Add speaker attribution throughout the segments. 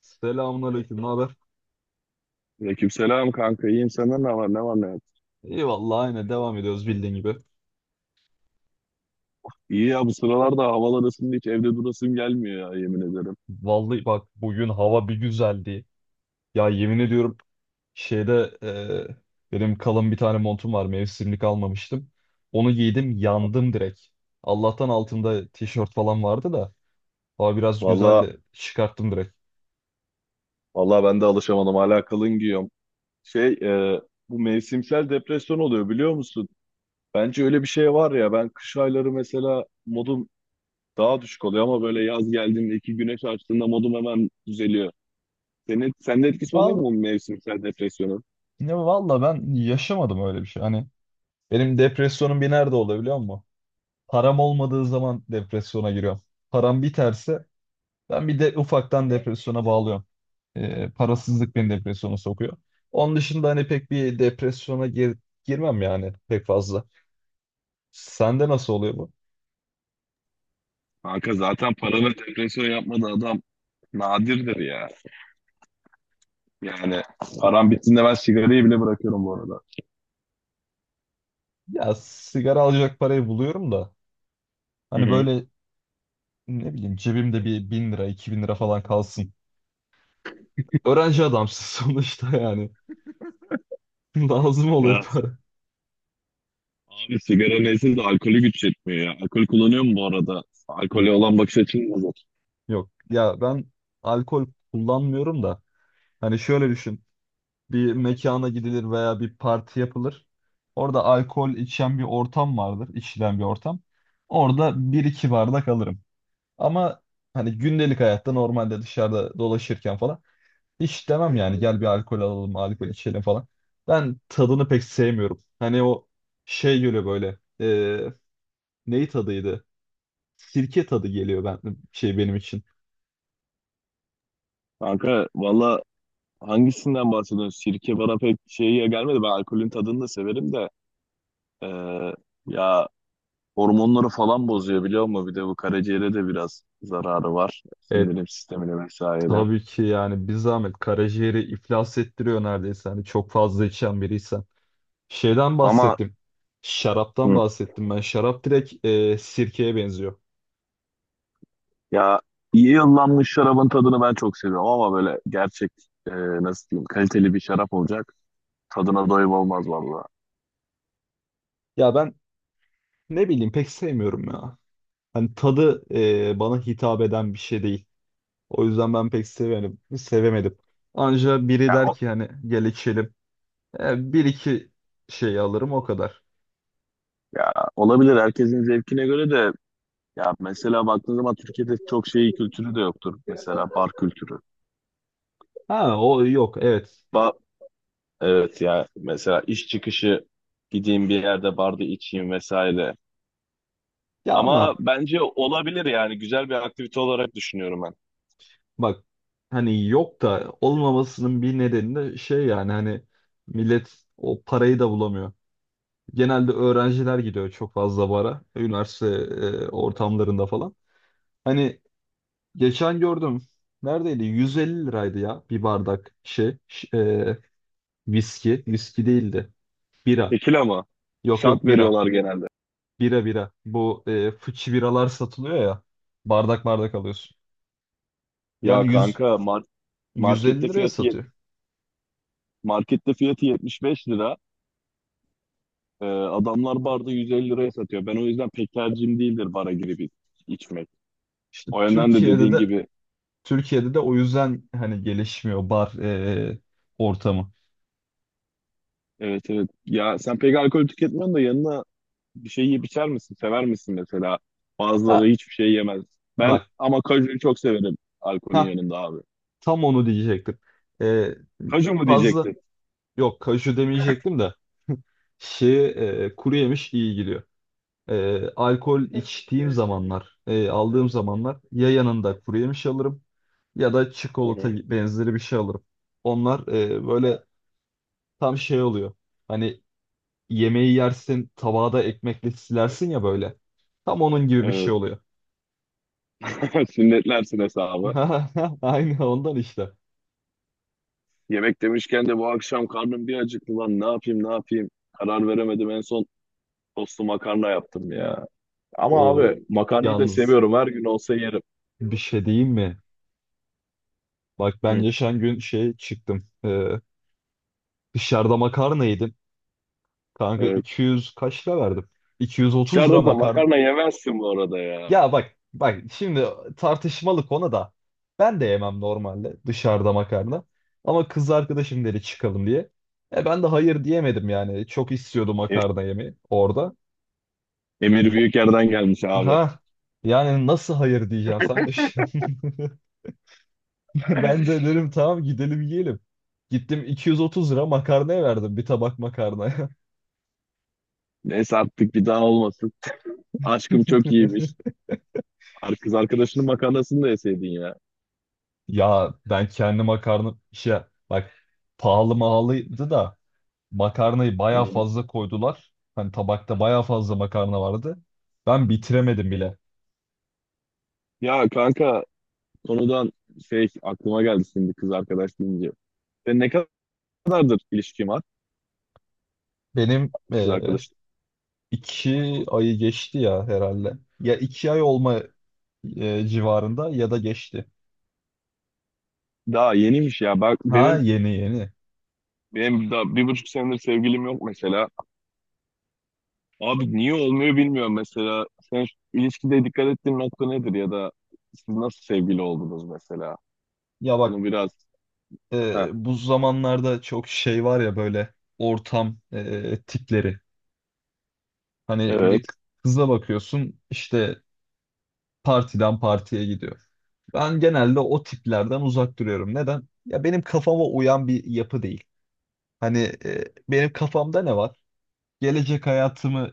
Speaker 1: Selamünaleyküm, ne haber?
Speaker 2: Aleykümselam kanka iyiyim senden ne var ne yok.
Speaker 1: İyi vallahi aynı devam ediyoruz bildiğin gibi.
Speaker 2: İyi ya bu sıralarda havalar ısındı hiç evde durasım gelmiyor ya yemin ederim.
Speaker 1: Vallahi bak bugün hava bir güzeldi. Ya yemin ediyorum şeyde benim kalın bir tane montum var mevsimlik almamıştım. Onu giydim yandım direkt. Allah'tan altımda tişört falan vardı da hava biraz
Speaker 2: Valla
Speaker 1: güzeldi çıkarttım direkt.
Speaker 2: valla ben de alışamadım hala kalın giyiyorum. Şey, bu mevsimsel depresyon oluyor biliyor musun? Bence öyle bir şey var ya, ben kış ayları mesela modum daha düşük oluyor ama böyle yaz geldiğinde iki güneş açtığında modum hemen düzeliyor. Sende etkisi oluyor mu
Speaker 1: Val
Speaker 2: bu mevsimsel depresyonun?
Speaker 1: valla ben yaşamadım öyle bir şey. Hani benim depresyonum bir nerede oluyor biliyor musun? Param olmadığı zaman depresyona giriyorum. Param biterse Ben bir de ufaktan depresyona bağlıyorum. Parasızlık beni depresyona sokuyor. Onun dışında hani pek bir depresyona girmem yani pek fazla. Sende nasıl oluyor bu?
Speaker 2: Kanka zaten para ve depresyon yapmadığı adam nadirdir ya. Yani param bittiğinde ben sigarayı bile bırakıyorum bu arada.
Speaker 1: Ya sigara alacak parayı buluyorum da
Speaker 2: Hı
Speaker 1: hani
Speaker 2: hı.
Speaker 1: böyle ne bileyim cebimde bir 1000 lira 2000 lira falan kalsın. Öğrenci adamsın sonuçta yani. Lazım oluyor
Speaker 2: Ya
Speaker 1: para.
Speaker 2: abi sigara neyse de alkolü güç yetmiyor ya. Alkol kullanıyor mu bu arada? Alkole olan bakış açın nasıl?
Speaker 1: Yok ya ben alkol kullanmıyorum da hani şöyle düşün. Bir mekana gidilir veya bir parti yapılır. Orada alkol içen bir ortam vardır, içilen bir ortam. Orada bir iki bardak alırım. Ama hani gündelik hayatta normalde dışarıda dolaşırken falan hiç demem yani gel bir alkol alalım, alkol içelim falan. Ben tadını pek sevmiyorum. Hani o şey geliyor böyle. Neyi tadıydı? Sirke tadı geliyor ben şey benim için.
Speaker 2: Kanka valla hangisinden bahsediyorsun? Sirke bana pek şeye gelmedi. Ben alkolün tadını da severim de. eee, Ya hormonları falan bozuyor biliyor musun? Bir de bu karaciğere de biraz zararı var.
Speaker 1: E,
Speaker 2: Sindirim sistemine vesaire.
Speaker 1: tabii ki yani bir zahmet karaciğeri iflas ettiriyor neredeyse. Hani çok fazla içen biriysen. Şeyden
Speaker 2: Ama.
Speaker 1: bahsettim. Şaraptan
Speaker 2: Hı.
Speaker 1: bahsettim ben. Şarap direkt sirkeye benziyor.
Speaker 2: Ya iyi yıllanmış şarabın tadını ben çok seviyorum ama böyle gerçek e, nasıl diyeyim, kaliteli bir şarap olacak. Tadına doyum olmaz valla.
Speaker 1: Ya ben ne bileyim pek sevmiyorum ya. Hani tadı bana hitap eden bir şey değil. O yüzden ben pek sevemedim. Sevemedim. Anca biri
Speaker 2: Ya,
Speaker 1: der
Speaker 2: o-
Speaker 1: ki hani gel içelim. Bir iki şey alırım o kadar.
Speaker 2: Ya olabilir, herkesin zevkine göre de. Ya mesela baktığın zaman Türkiye'de çok şey kültürü de yoktur. Mesela bar kültürü.
Speaker 1: Ha o yok evet.
Speaker 2: Ba evet ya, mesela iş çıkışı gideyim bir yerde barda içeyim vesaire.
Speaker 1: Ya
Speaker 2: Ama
Speaker 1: ama
Speaker 2: bence olabilir yani, güzel bir aktivite olarak düşünüyorum ben.
Speaker 1: bak hani yok da olmamasının bir nedeni de şey yani hani millet o parayı da bulamıyor. Genelde öğrenciler gidiyor çok fazla bara. Üniversite ortamlarında falan. Hani geçen gördüm. Neredeydi? 150 liraydı ya bir bardak şey. Viski. Viski değildi. Bira.
Speaker 2: Tekila ama
Speaker 1: Yok
Speaker 2: şat
Speaker 1: yok bira.
Speaker 2: veriyorlar genelde.
Speaker 1: Bira bira. Bu fıçı biralar satılıyor ya. Bardak bardak alıyorsun. Yani
Speaker 2: Ya
Speaker 1: 100,
Speaker 2: kanka markette
Speaker 1: 150 liraya
Speaker 2: fiyatı
Speaker 1: satıyor.
Speaker 2: Markette fiyatı 75 lira. Adamlar barda 150 liraya satıyor. Ben o yüzden pek tercihim değildir bara girip içmek.
Speaker 1: İşte
Speaker 2: O yönden de
Speaker 1: Türkiye'de
Speaker 2: dediğin
Speaker 1: de
Speaker 2: gibi,
Speaker 1: Türkiye'de de o yüzden hani gelişmiyor bar ortamı.
Speaker 2: evet evet. Ya sen pek alkol tüketmiyorsun da yanına bir şey yiyip içer misin? Sever misin mesela? Bazıları
Speaker 1: Ha
Speaker 2: hiçbir şey yemez. Ben
Speaker 1: bak.
Speaker 2: ama kajuyu çok severim alkolün yanında abi.
Speaker 1: Tam onu diyecektim. Ee,
Speaker 2: Kaju mu
Speaker 1: Fazla
Speaker 2: diyecektin?
Speaker 1: yok kaju demeyecektim de şey kuru yemiş iyi gidiyor. Alkol içtiğim zamanlar, aldığım zamanlar ya yanında kuru yemiş alırım ya da
Speaker 2: Hı
Speaker 1: çikolata
Speaker 2: hı.
Speaker 1: benzeri bir şey alırım. Onlar böyle tam şey oluyor. Hani yemeği yersin, tabağı da ekmekle silersin ya böyle. Tam onun gibi bir
Speaker 2: Evet.
Speaker 1: şey oluyor.
Speaker 2: Sünnetlersin hesabı.
Speaker 1: Aynı ondan işte.
Speaker 2: Yemek demişken de bu akşam karnım bir acıktı lan. Ne yapayım ne yapayım? Karar veremedim en son, tostlu makarna yaptım ya. Ama
Speaker 1: O
Speaker 2: abi makarnayı da
Speaker 1: yalnız
Speaker 2: seviyorum. Her gün olsa yerim.
Speaker 1: bir şey diyeyim mi? Bak ben
Speaker 2: Hı.
Speaker 1: geçen gün şey çıktım. Dışarıda makarna yedim. Kanka
Speaker 2: Evet.
Speaker 1: 200 kaç lira verdim? 230 lira
Speaker 2: Dışarıda da
Speaker 1: makarna.
Speaker 2: makarna yemezsin bu arada ya.
Speaker 1: Ya bak bak şimdi tartışmalı konu da. Ben de yemem normalde dışarıda makarna. Ama kız arkadaşım dedi çıkalım diye. Ben de hayır diyemedim yani. Çok istiyordum
Speaker 2: E-
Speaker 1: makarna yemeyi orada.
Speaker 2: Emir Büyüker'den gelmiş abi.
Speaker 1: Aha. Yani nasıl hayır diyeceksin sen düşün. Ben de dedim tamam gidelim yiyelim. Gittim 230 lira makarnaya verdim bir tabak makarna.
Speaker 2: Neyse, artık bir daha olmasın. Aşkım çok iyiymiş. Kız arkadaşının makarnasını da yeseydin ya.
Speaker 1: Ya ben kendi makarna bak pahalı mahalıydı da makarnayı baya
Speaker 2: Hı.
Speaker 1: fazla koydular. Hani tabakta baya fazla makarna vardı. Ben bitiremedim bile.
Speaker 2: Ya kanka konudan şey aklıma geldi şimdi, kız arkadaş deyince. Sen ne kadardır ilişkin var
Speaker 1: Benim
Speaker 2: kız arkadaş?
Speaker 1: 2 ayı geçti ya herhalde. Ya iki ay civarında ya da geçti.
Speaker 2: Daha yeniymiş ya. Bak
Speaker 1: Ha
Speaker 2: benim
Speaker 1: yeni yeni.
Speaker 2: benim daha 1,5 senedir sevgilim yok mesela. Abi niye olmuyor bilmiyorum mesela. Sen şu ilişkide dikkat ettiğin nokta nedir, ya da siz nasıl sevgili oldunuz mesela?
Speaker 1: Ya bak
Speaker 2: Onu biraz... Heh,
Speaker 1: bu zamanlarda çok şey var ya böyle ortam tipleri. Hani
Speaker 2: evet.
Speaker 1: bir kıza bakıyorsun işte partiden partiye gidiyor. Ben genelde o tiplerden uzak duruyorum. Neden? Ya benim kafama uyan bir yapı değil. Hani benim kafamda ne var? Gelecek hayatımı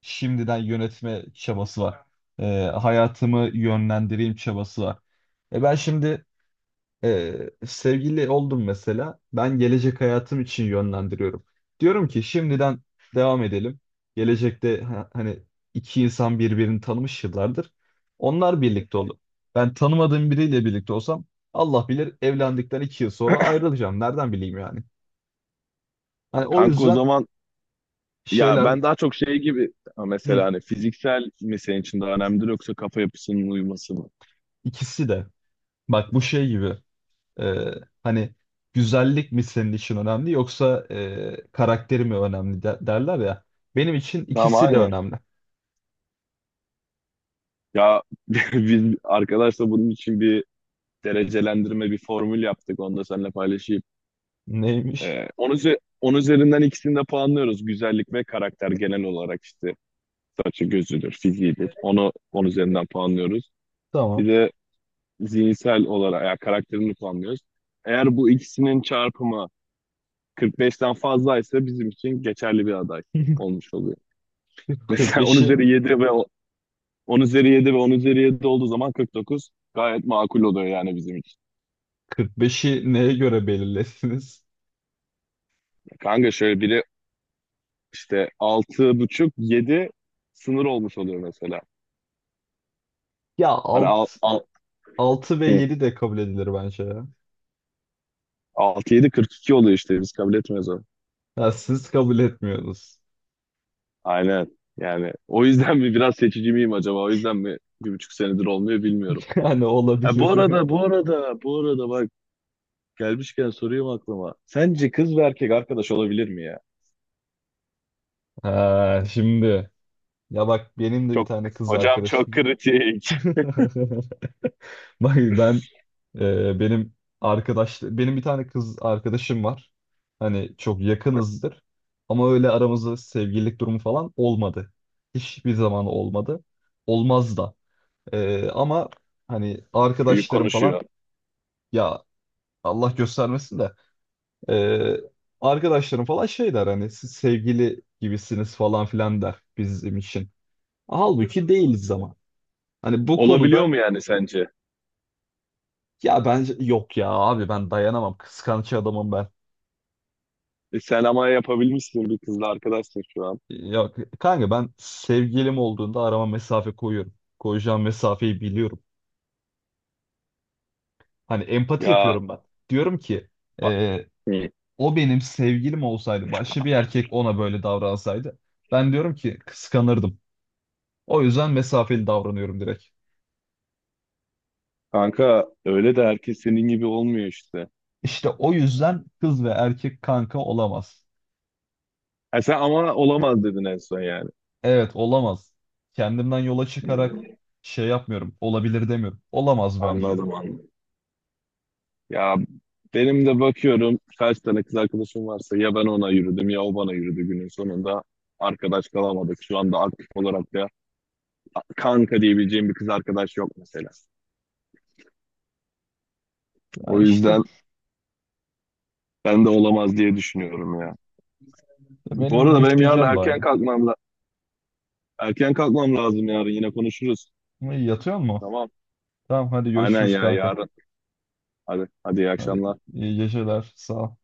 Speaker 1: şimdiden yönetme çabası var. Hayatımı yönlendireyim çabası var. Ben şimdi sevgili oldum mesela. Ben gelecek hayatım için yönlendiriyorum. Diyorum ki şimdiden devam edelim. Gelecekte hani iki insan birbirini tanımış yıllardır. Onlar birlikte olur. Ben tanımadığım biriyle birlikte olsam Allah bilir evlendikten 2 yıl sonra ayrılacağım. Nereden bileyim yani? Hani o
Speaker 2: Kanka o
Speaker 1: yüzden
Speaker 2: zaman, ya
Speaker 1: şeyler
Speaker 2: ben daha çok şey gibi ha, mesela
Speaker 1: hı,
Speaker 2: hani fiziksel mi senin için daha önemlidir yoksa kafa yapısının uyuması mı?
Speaker 1: ikisi de bak bu şey gibi. Ee, Hani güzellik mi senin için önemli yoksa karakteri mi önemli derler ya. Benim için
Speaker 2: Tamam,
Speaker 1: ikisi de
Speaker 2: aynen.
Speaker 1: önemli.
Speaker 2: Ya biz arkadaşla bunun için bir derecelendirme, bir formül yaptık. Onu da seninle paylaşayım.
Speaker 1: Neymiş?
Speaker 2: Onun üzerinden ikisini de puanlıyoruz. Güzellik ve karakter, genel olarak işte. Saçı, gözüdür, fiziğidir. Onu 10 üzerinden puanlıyoruz.
Speaker 1: Tamam.
Speaker 2: Bir de zihinsel olarak yani karakterini puanlıyoruz. Eğer bu ikisinin çarpımı 45'ten fazlaysa bizim için geçerli bir aday olmuş oluyor. Mesela 10
Speaker 1: 45'i
Speaker 2: üzeri 7 ve 10 üzeri 7 ve 10 üzeri 7 olduğu zaman 49 gayet makul oluyor yani bizim için.
Speaker 1: 45'i neye göre belirlesiniz?
Speaker 2: Kanka şöyle biri, işte 6,5 7 sınır olmuş oluyor mesela.
Speaker 1: Ya
Speaker 2: Hani al, al.
Speaker 1: altı ve
Speaker 2: Hı.
Speaker 1: yedi de kabul edilir bence ya.
Speaker 2: 6-7 42 oluyor işte, biz kabul etmiyoruz onu.
Speaker 1: Ha, siz kabul etmiyorsunuz.
Speaker 2: Aynen. Yani o yüzden mi biraz seçici miyim acaba? O yüzden mi 1,5 senedir olmuyor bilmiyorum.
Speaker 1: Yani
Speaker 2: E, bu
Speaker 1: olabilir.
Speaker 2: arada, bu arada, bu arada bak gelmişken sorayım aklıma. Sence kız ve erkek arkadaş olabilir mi ya?
Speaker 1: Ha, şimdi ya bak benim de bir
Speaker 2: Çok
Speaker 1: tane kız
Speaker 2: hocam, çok
Speaker 1: arkadaşım.
Speaker 2: kritik.
Speaker 1: Bak ben e, benim benim bir tane kız arkadaşım var. Hani çok yakınızdır. Ama öyle aramızda sevgililik durumu falan olmadı. Hiçbir zaman olmadı. Olmaz da. Ama hani
Speaker 2: Büyük
Speaker 1: arkadaşlarım falan
Speaker 2: konuşuyor.
Speaker 1: ya Allah göstermesin de e, arkadaşlarım falan şey der hani siz sevgili gibisiniz falan filan der bizim için. Halbuki değiliz ama. Hani bu
Speaker 2: Olabiliyor
Speaker 1: konuda
Speaker 2: mu yani sence?
Speaker 1: ya bence yok ya abi ben dayanamam. Kıskanç adamım ben.
Speaker 2: E, sen ama yapabilmişsin, bir kızla arkadaşsın şu an.
Speaker 1: Ya kanka ben sevgilim olduğunda arama mesafe koyuyorum. Koyacağım mesafeyi biliyorum. Hani empati
Speaker 2: Ya
Speaker 1: yapıyorum ben. Diyorum ki
Speaker 2: bak.
Speaker 1: e,
Speaker 2: Hı.
Speaker 1: o benim sevgilim olsaydı başka bir erkek ona böyle davransaydı ben diyorum ki kıskanırdım. O yüzden mesafeli davranıyorum direkt.
Speaker 2: Kanka öyle de herkes senin gibi olmuyor işte.
Speaker 1: İşte o yüzden kız ve erkek kanka olamaz.
Speaker 2: E sen ama olamaz dedin en son yani.
Speaker 1: Evet olamaz. Kendimden yola çıkarak şey yapmıyorum. Olabilir demiyorum. Olamaz bence.
Speaker 2: Anladım anladım. Ya benim de bakıyorum kaç tane kız arkadaşım varsa ya ben ona yürüdüm ya o bana yürüdü günün sonunda. Arkadaş kalamadık. Şu anda aktif olarak da kanka diyebileceğim bir kız arkadaş yok mesela.
Speaker 1: Ya
Speaker 2: O
Speaker 1: işte
Speaker 2: yüzden ben de olamaz diye düşünüyorum ya. Bu
Speaker 1: benim
Speaker 2: arada benim yarın
Speaker 1: düşüncem de
Speaker 2: erken
Speaker 1: aynı.
Speaker 2: kalkmam erken kalkmam lazım, yarın yine konuşuruz.
Speaker 1: Yatıyor mu?
Speaker 2: Tamam.
Speaker 1: Tamam hadi
Speaker 2: Aynen
Speaker 1: görüşürüz
Speaker 2: ya,
Speaker 1: kanka.
Speaker 2: yarın. Hadi hadi, iyi
Speaker 1: Hadi
Speaker 2: akşamlar.
Speaker 1: iyi geceler. Sağ ol.